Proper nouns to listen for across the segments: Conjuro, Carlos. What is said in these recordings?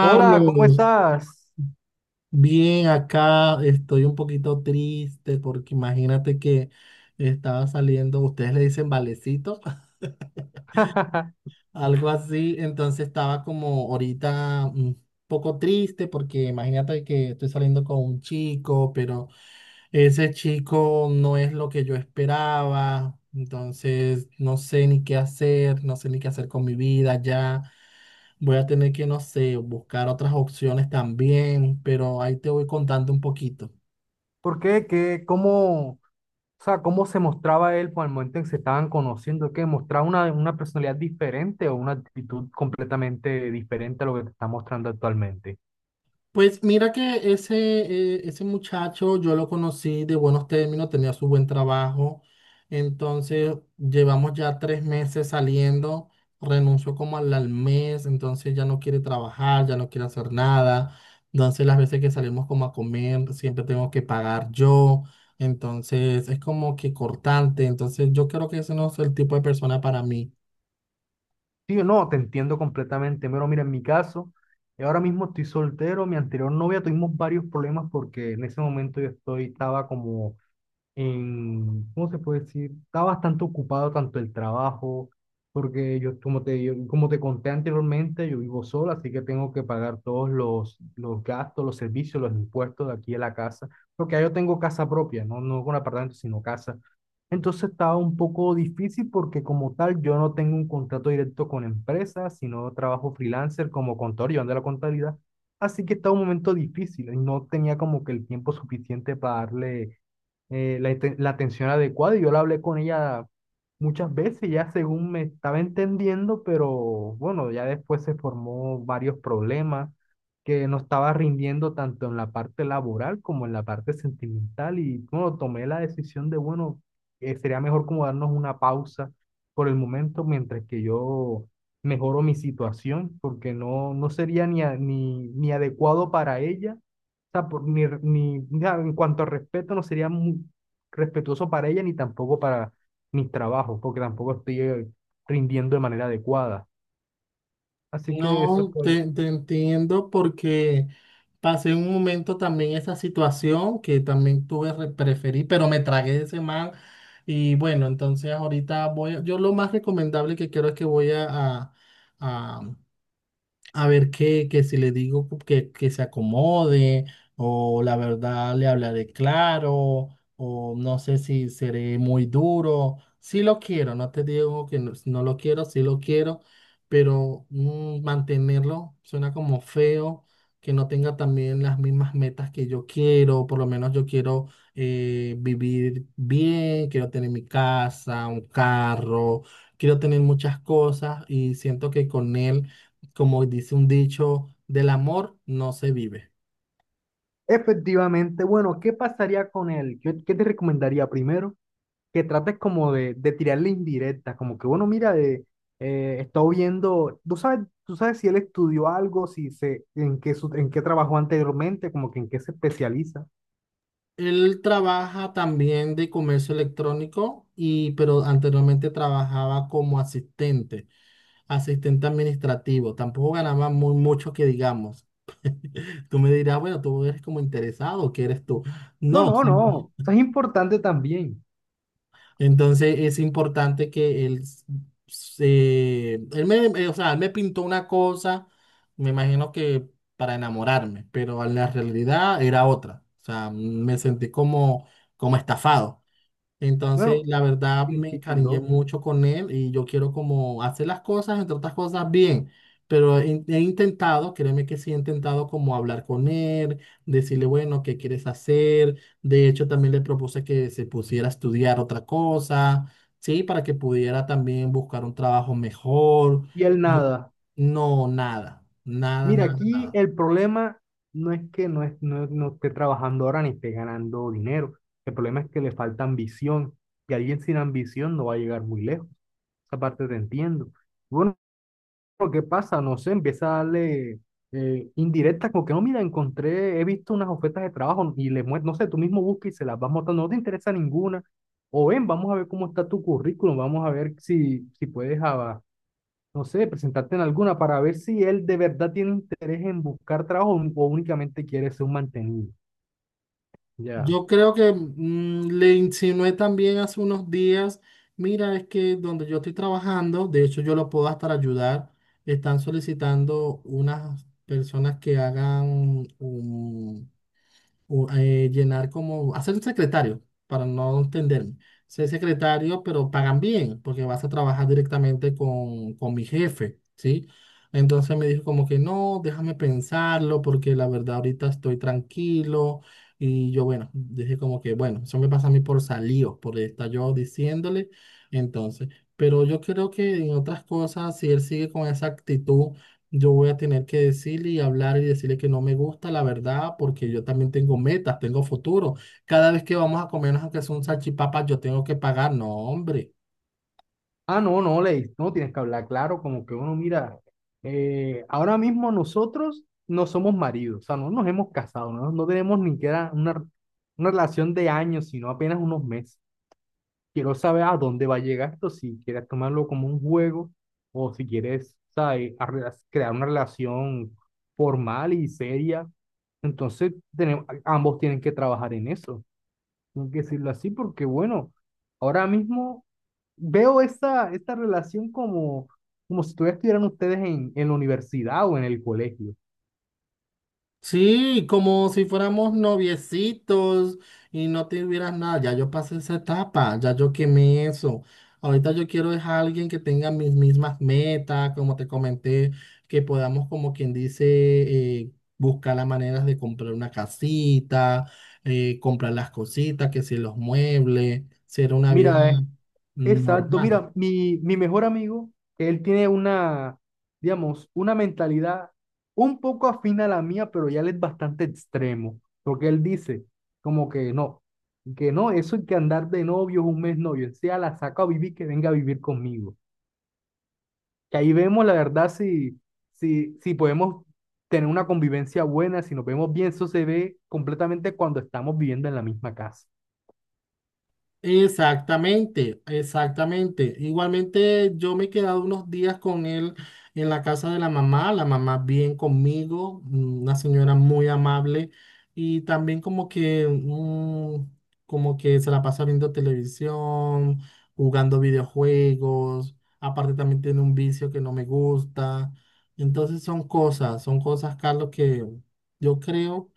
Hola, ¿cómo estás? bien acá, estoy un poquito triste porque imagínate que estaba saliendo, ustedes le dicen valecito, algo así, entonces estaba como ahorita un poco triste porque imagínate que estoy saliendo con un chico, pero ese chico no es lo que yo esperaba, entonces no sé ni qué hacer, no sé ni qué hacer con mi vida ya. Voy a tener que, no sé, buscar otras opciones también, pero ahí te voy contando un poquito. ¿Por qué? ¿Qué? ¿Cómo? O sea, ¿cómo se mostraba él por el momento en que se estaban conociendo? ¿Qué? ¿Mostraba una personalidad diferente o una actitud completamente diferente a lo que te está mostrando actualmente? Pues mira que ese, ese muchacho yo lo conocí de buenos términos, tenía su buen trabajo, entonces llevamos ya tres meses saliendo, renunció como al mes, entonces ya no quiere trabajar, ya no quiere hacer nada, entonces las veces que salimos como a comer siempre tengo que pagar yo, entonces es como que cortante, entonces yo creo que ese no es el tipo de persona para mí. Sí, no, te entiendo completamente. Pero mira, en mi caso, yo ahora mismo estoy soltero. Mi anterior novia tuvimos varios problemas porque en ese momento estaba como en, ¿cómo se puede decir? Está bastante ocupado tanto el trabajo, porque como te conté anteriormente, yo vivo solo, así que tengo que pagar todos los gastos, los servicios, los impuestos de aquí en la casa, porque ahí yo tengo casa propia, no, no con apartamento, sino casa. Entonces estaba un poco difícil porque como tal yo no tengo un contrato directo con empresas, sino trabajo freelancer como contador, llevando la contabilidad. Así que estaba un momento difícil y no tenía como que el tiempo suficiente para darle la atención adecuada y yo la hablé con ella muchas veces, ya según me estaba entendiendo, pero bueno, ya después se formó varios problemas que no estaba rindiendo tanto en la parte laboral como en la parte sentimental y bueno, tomé la decisión de, bueno, sería mejor como darnos una pausa por el momento mientras que yo mejoro mi situación, porque no, no sería ni, ni adecuado para ella sea, ni, ni, ya, en cuanto a respeto, no sería muy respetuoso para ella ni tampoco para mis trabajos, porque tampoco estoy rindiendo de manera adecuada. Así que eso No, fue. Te entiendo porque pasé un momento también esa situación que también tuve preferí, pero me tragué ese man y bueno, entonces ahorita voy, a- yo lo más recomendable que quiero es que voy a, a ver qué, que si le digo que se acomode, o la verdad le hablaré claro, o no sé si seré muy duro. Sí lo quiero, no te digo que no, no lo quiero, sí lo quiero, pero mantenerlo suena como feo, que no tenga también las mismas metas que yo quiero, por lo menos yo quiero vivir bien, quiero tener mi casa, un carro, quiero tener muchas cosas y siento que con él, como dice un dicho, del amor no se vive. Efectivamente, bueno, ¿qué pasaría con él? ¿Qué te recomendaría primero? Que trates como de tirarle indirectas, como que, bueno, mira, de, estoy viendo, tú sabes si él estudió algo, si se, en qué, en qué trabajó anteriormente, como que en qué se especializa. Él trabaja también de comercio electrónico y pero anteriormente trabajaba como asistente, asistente administrativo. Tampoco ganaba muy mucho que digamos. Tú me dirás, bueno, tú eres como interesado, ¿qué eres tú? No, No, no, sí. no, eso es importante también. Entonces es importante que él, s- se, él me, o sea, él me pintó una cosa, me imagino que para enamorarme, pero en la realidad era otra. O sea, me sentí como, como estafado. Entonces, Bueno, la verdad, me encariñé entiendo. mucho con él y yo quiero como hacer las cosas, entre otras cosas, bien. Pero he intentado, créeme que sí, he intentado como hablar con él, decirle, bueno, ¿qué quieres hacer? De hecho, también le propuse que se pusiera a estudiar otra cosa, ¿sí? Para que pudiera también buscar un trabajo mejor. Y el Yo- nada. no, Mira, aquí nada. el problema no es que no, es, no, no esté trabajando ahora ni esté ganando dinero. El problema es que le falta ambición. Y alguien sin ambición no va a llegar muy lejos. Esa parte te entiendo. Bueno, lo que pasa, no sé, empieza a darle indirectas, como que no, mira, encontré, he visto unas ofertas de trabajo y le muestro, no sé, tú mismo buscas y se las vas mostrando, no te interesa ninguna. O ven, vamos a ver cómo está tu currículum, vamos a ver si, si puedes avanzar no sé, presentarte en alguna para ver si él de verdad tiene interés en buscar trabajo o únicamente quiere ser un mantenido. Ya. Yo creo que le insinué también hace unos días, mira, es que donde yo estoy trabajando, de hecho yo lo puedo hasta ayudar, están solicitando unas personas que hagan un, llenar como, hacer un secretario, para no entenderme. Ser secretario, pero pagan bien, porque vas a trabajar directamente con mi jefe, ¿sí? Entonces me dijo como que no, déjame pensarlo, porque la verdad ahorita estoy tranquilo. Y yo, bueno, dije como que, bueno, eso me pasa a mí por salido, por estar yo diciéndole. Entonces, pero yo creo que en otras cosas, si él sigue con esa actitud, yo voy a tener que decirle y hablar y decirle que no me gusta la verdad porque yo también tengo metas, tengo futuro. Cada vez que vamos a comernos aunque sea un salchipapa, yo tengo que pagar. No, hombre. Ah, no, no, Ley, no tienes que hablar claro, como que uno mira, ahora mismo nosotros no somos maridos, o sea, no nos hemos casado, no, no tenemos ni que una, una relación de años, sino apenas unos meses. Quiero saber a dónde va a llegar esto, si quieres tomarlo como un juego o si quieres, ¿sabes? Crear una relación formal y seria. Entonces, tenemos, ambos tienen que trabajar en eso, tengo que decirlo así, porque bueno, ahora mismo veo esta relación como, como si todavía estuvieran ustedes en la universidad o en el colegio. Sí, como si fuéramos noviecitos y no te hubieras nada. Ya yo pasé esa etapa, ya yo quemé eso. Ahorita yo quiero es a alguien que tenga mis mismas metas, como te comenté, que podamos, como quien dice, eh, buscar las maneras de comprar una casita, comprar las cositas, que si los muebles, ser una vida Mira, es exacto, normal. mira, mi mejor amigo, él tiene una, digamos, una mentalidad un poco afín a la mía, pero ya él es bastante extremo, porque él dice como que no, eso hay que andar de novios un mes novio, sea la saca a vivir, que venga a vivir conmigo. Que ahí vemos la verdad si podemos tener una convivencia buena, si nos vemos bien, eso se ve completamente cuando estamos viviendo en la misma casa. Exactamente, exactamente. Igualmente yo me he quedado unos días con él en la casa de la mamá bien conmigo, una señora muy amable y también como que como que se la pasa viendo televisión, jugando videojuegos, aparte también tiene un vicio que no me gusta. Entonces son cosas, Carlos, que yo creo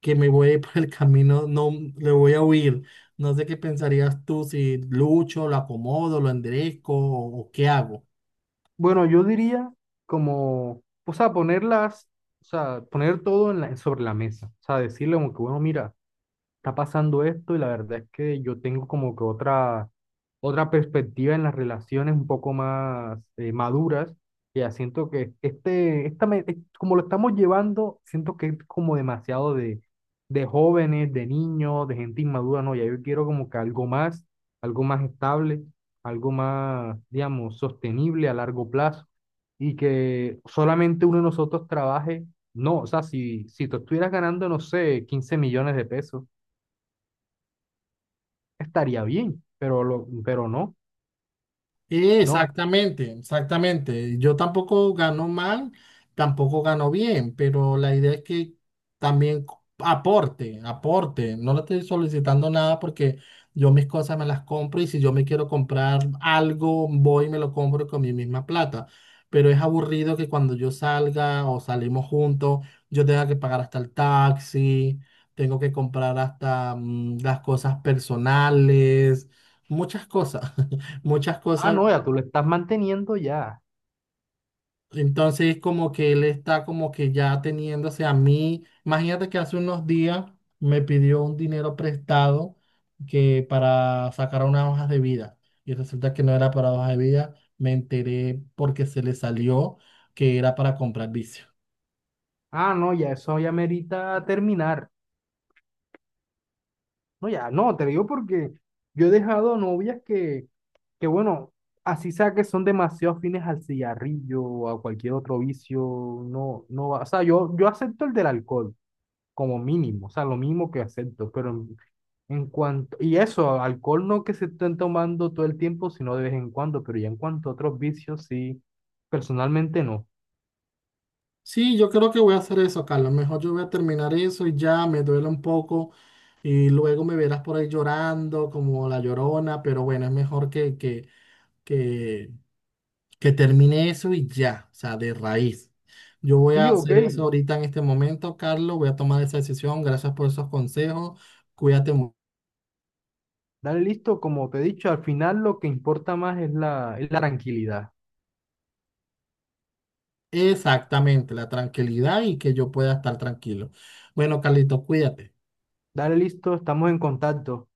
que me voy a ir por el camino, no le voy a huir. No sé qué pensarías tú si lucho, lo acomodo, lo enderezco o qué hago. Bueno, yo diría como, o sea, ponerlas, o sea, poner todo en sobre la mesa. O sea, decirle como que, bueno, mira está pasando esto y la verdad es que yo tengo como que otra, otra perspectiva en las relaciones un poco más maduras. Y ya siento que como lo estamos llevando, siento que es como demasiado de jóvenes, de niños, de gente inmadura, no, ya yo quiero como que algo más estable, algo más, digamos, sostenible a largo plazo y que solamente uno de nosotros trabaje. No, o sea, si tú estuvieras ganando, no sé, 15 millones de pesos estaría bien, pero, lo, pero no, no. Exactamente, exactamente. Yo tampoco gano mal, tampoco gano bien, pero la idea es que también co- aporte, aporte. No le estoy solicitando nada porque yo mis cosas me las compro y si yo me quiero comprar algo, voy y me lo compro con mi misma plata. Pero es aburrido que cuando yo salga o salimos juntos, yo tenga que pagar hasta el taxi, tengo que comprar hasta las cosas personales, muchas cosas. Muchas Ah, cosas. no, ya tú lo estás manteniendo ya. Entonces como que él está como que ya teniéndose a mí. Imagínate que hace unos días me pidió un dinero prestado que para sacar unas hojas de vida. Y resulta que no era para hojas de vida. Me enteré porque se le salió que era para comprar vicio. Ah, no, ya eso ya merita terminar. No, ya, no, te digo porque yo he dejado novias que bueno, así sea que son demasiado fines al cigarrillo o a cualquier otro vicio, no, no va. O sea, yo acepto el del alcohol como mínimo, o sea, lo mínimo que acepto, pero en cuanto, y eso, alcohol no que se estén tomando todo el tiempo, sino de vez en cuando, pero ya en cuanto a otros vicios, sí, personalmente no. Sí, yo creo que voy a hacer eso, Carlos. Mejor yo voy a terminar eso y ya me duele un poco. Y luego me verás por ahí llorando como la llorona. Pero bueno, es mejor que, que que termine eso y ya, o sea, de raíz. Yo voy a Sí, ok, hacer eso ahorita en este momento, Carlos, voy a tomar esa decisión. Gracias por esos consejos. Cuídate. Mu- dale listo, como te he dicho, al final lo que importa más es es la tranquilidad. exactamente, la tranquilidad y que yo pueda estar tranquilo. Bueno, Carlito, cuídate. Dale listo, estamos en contacto.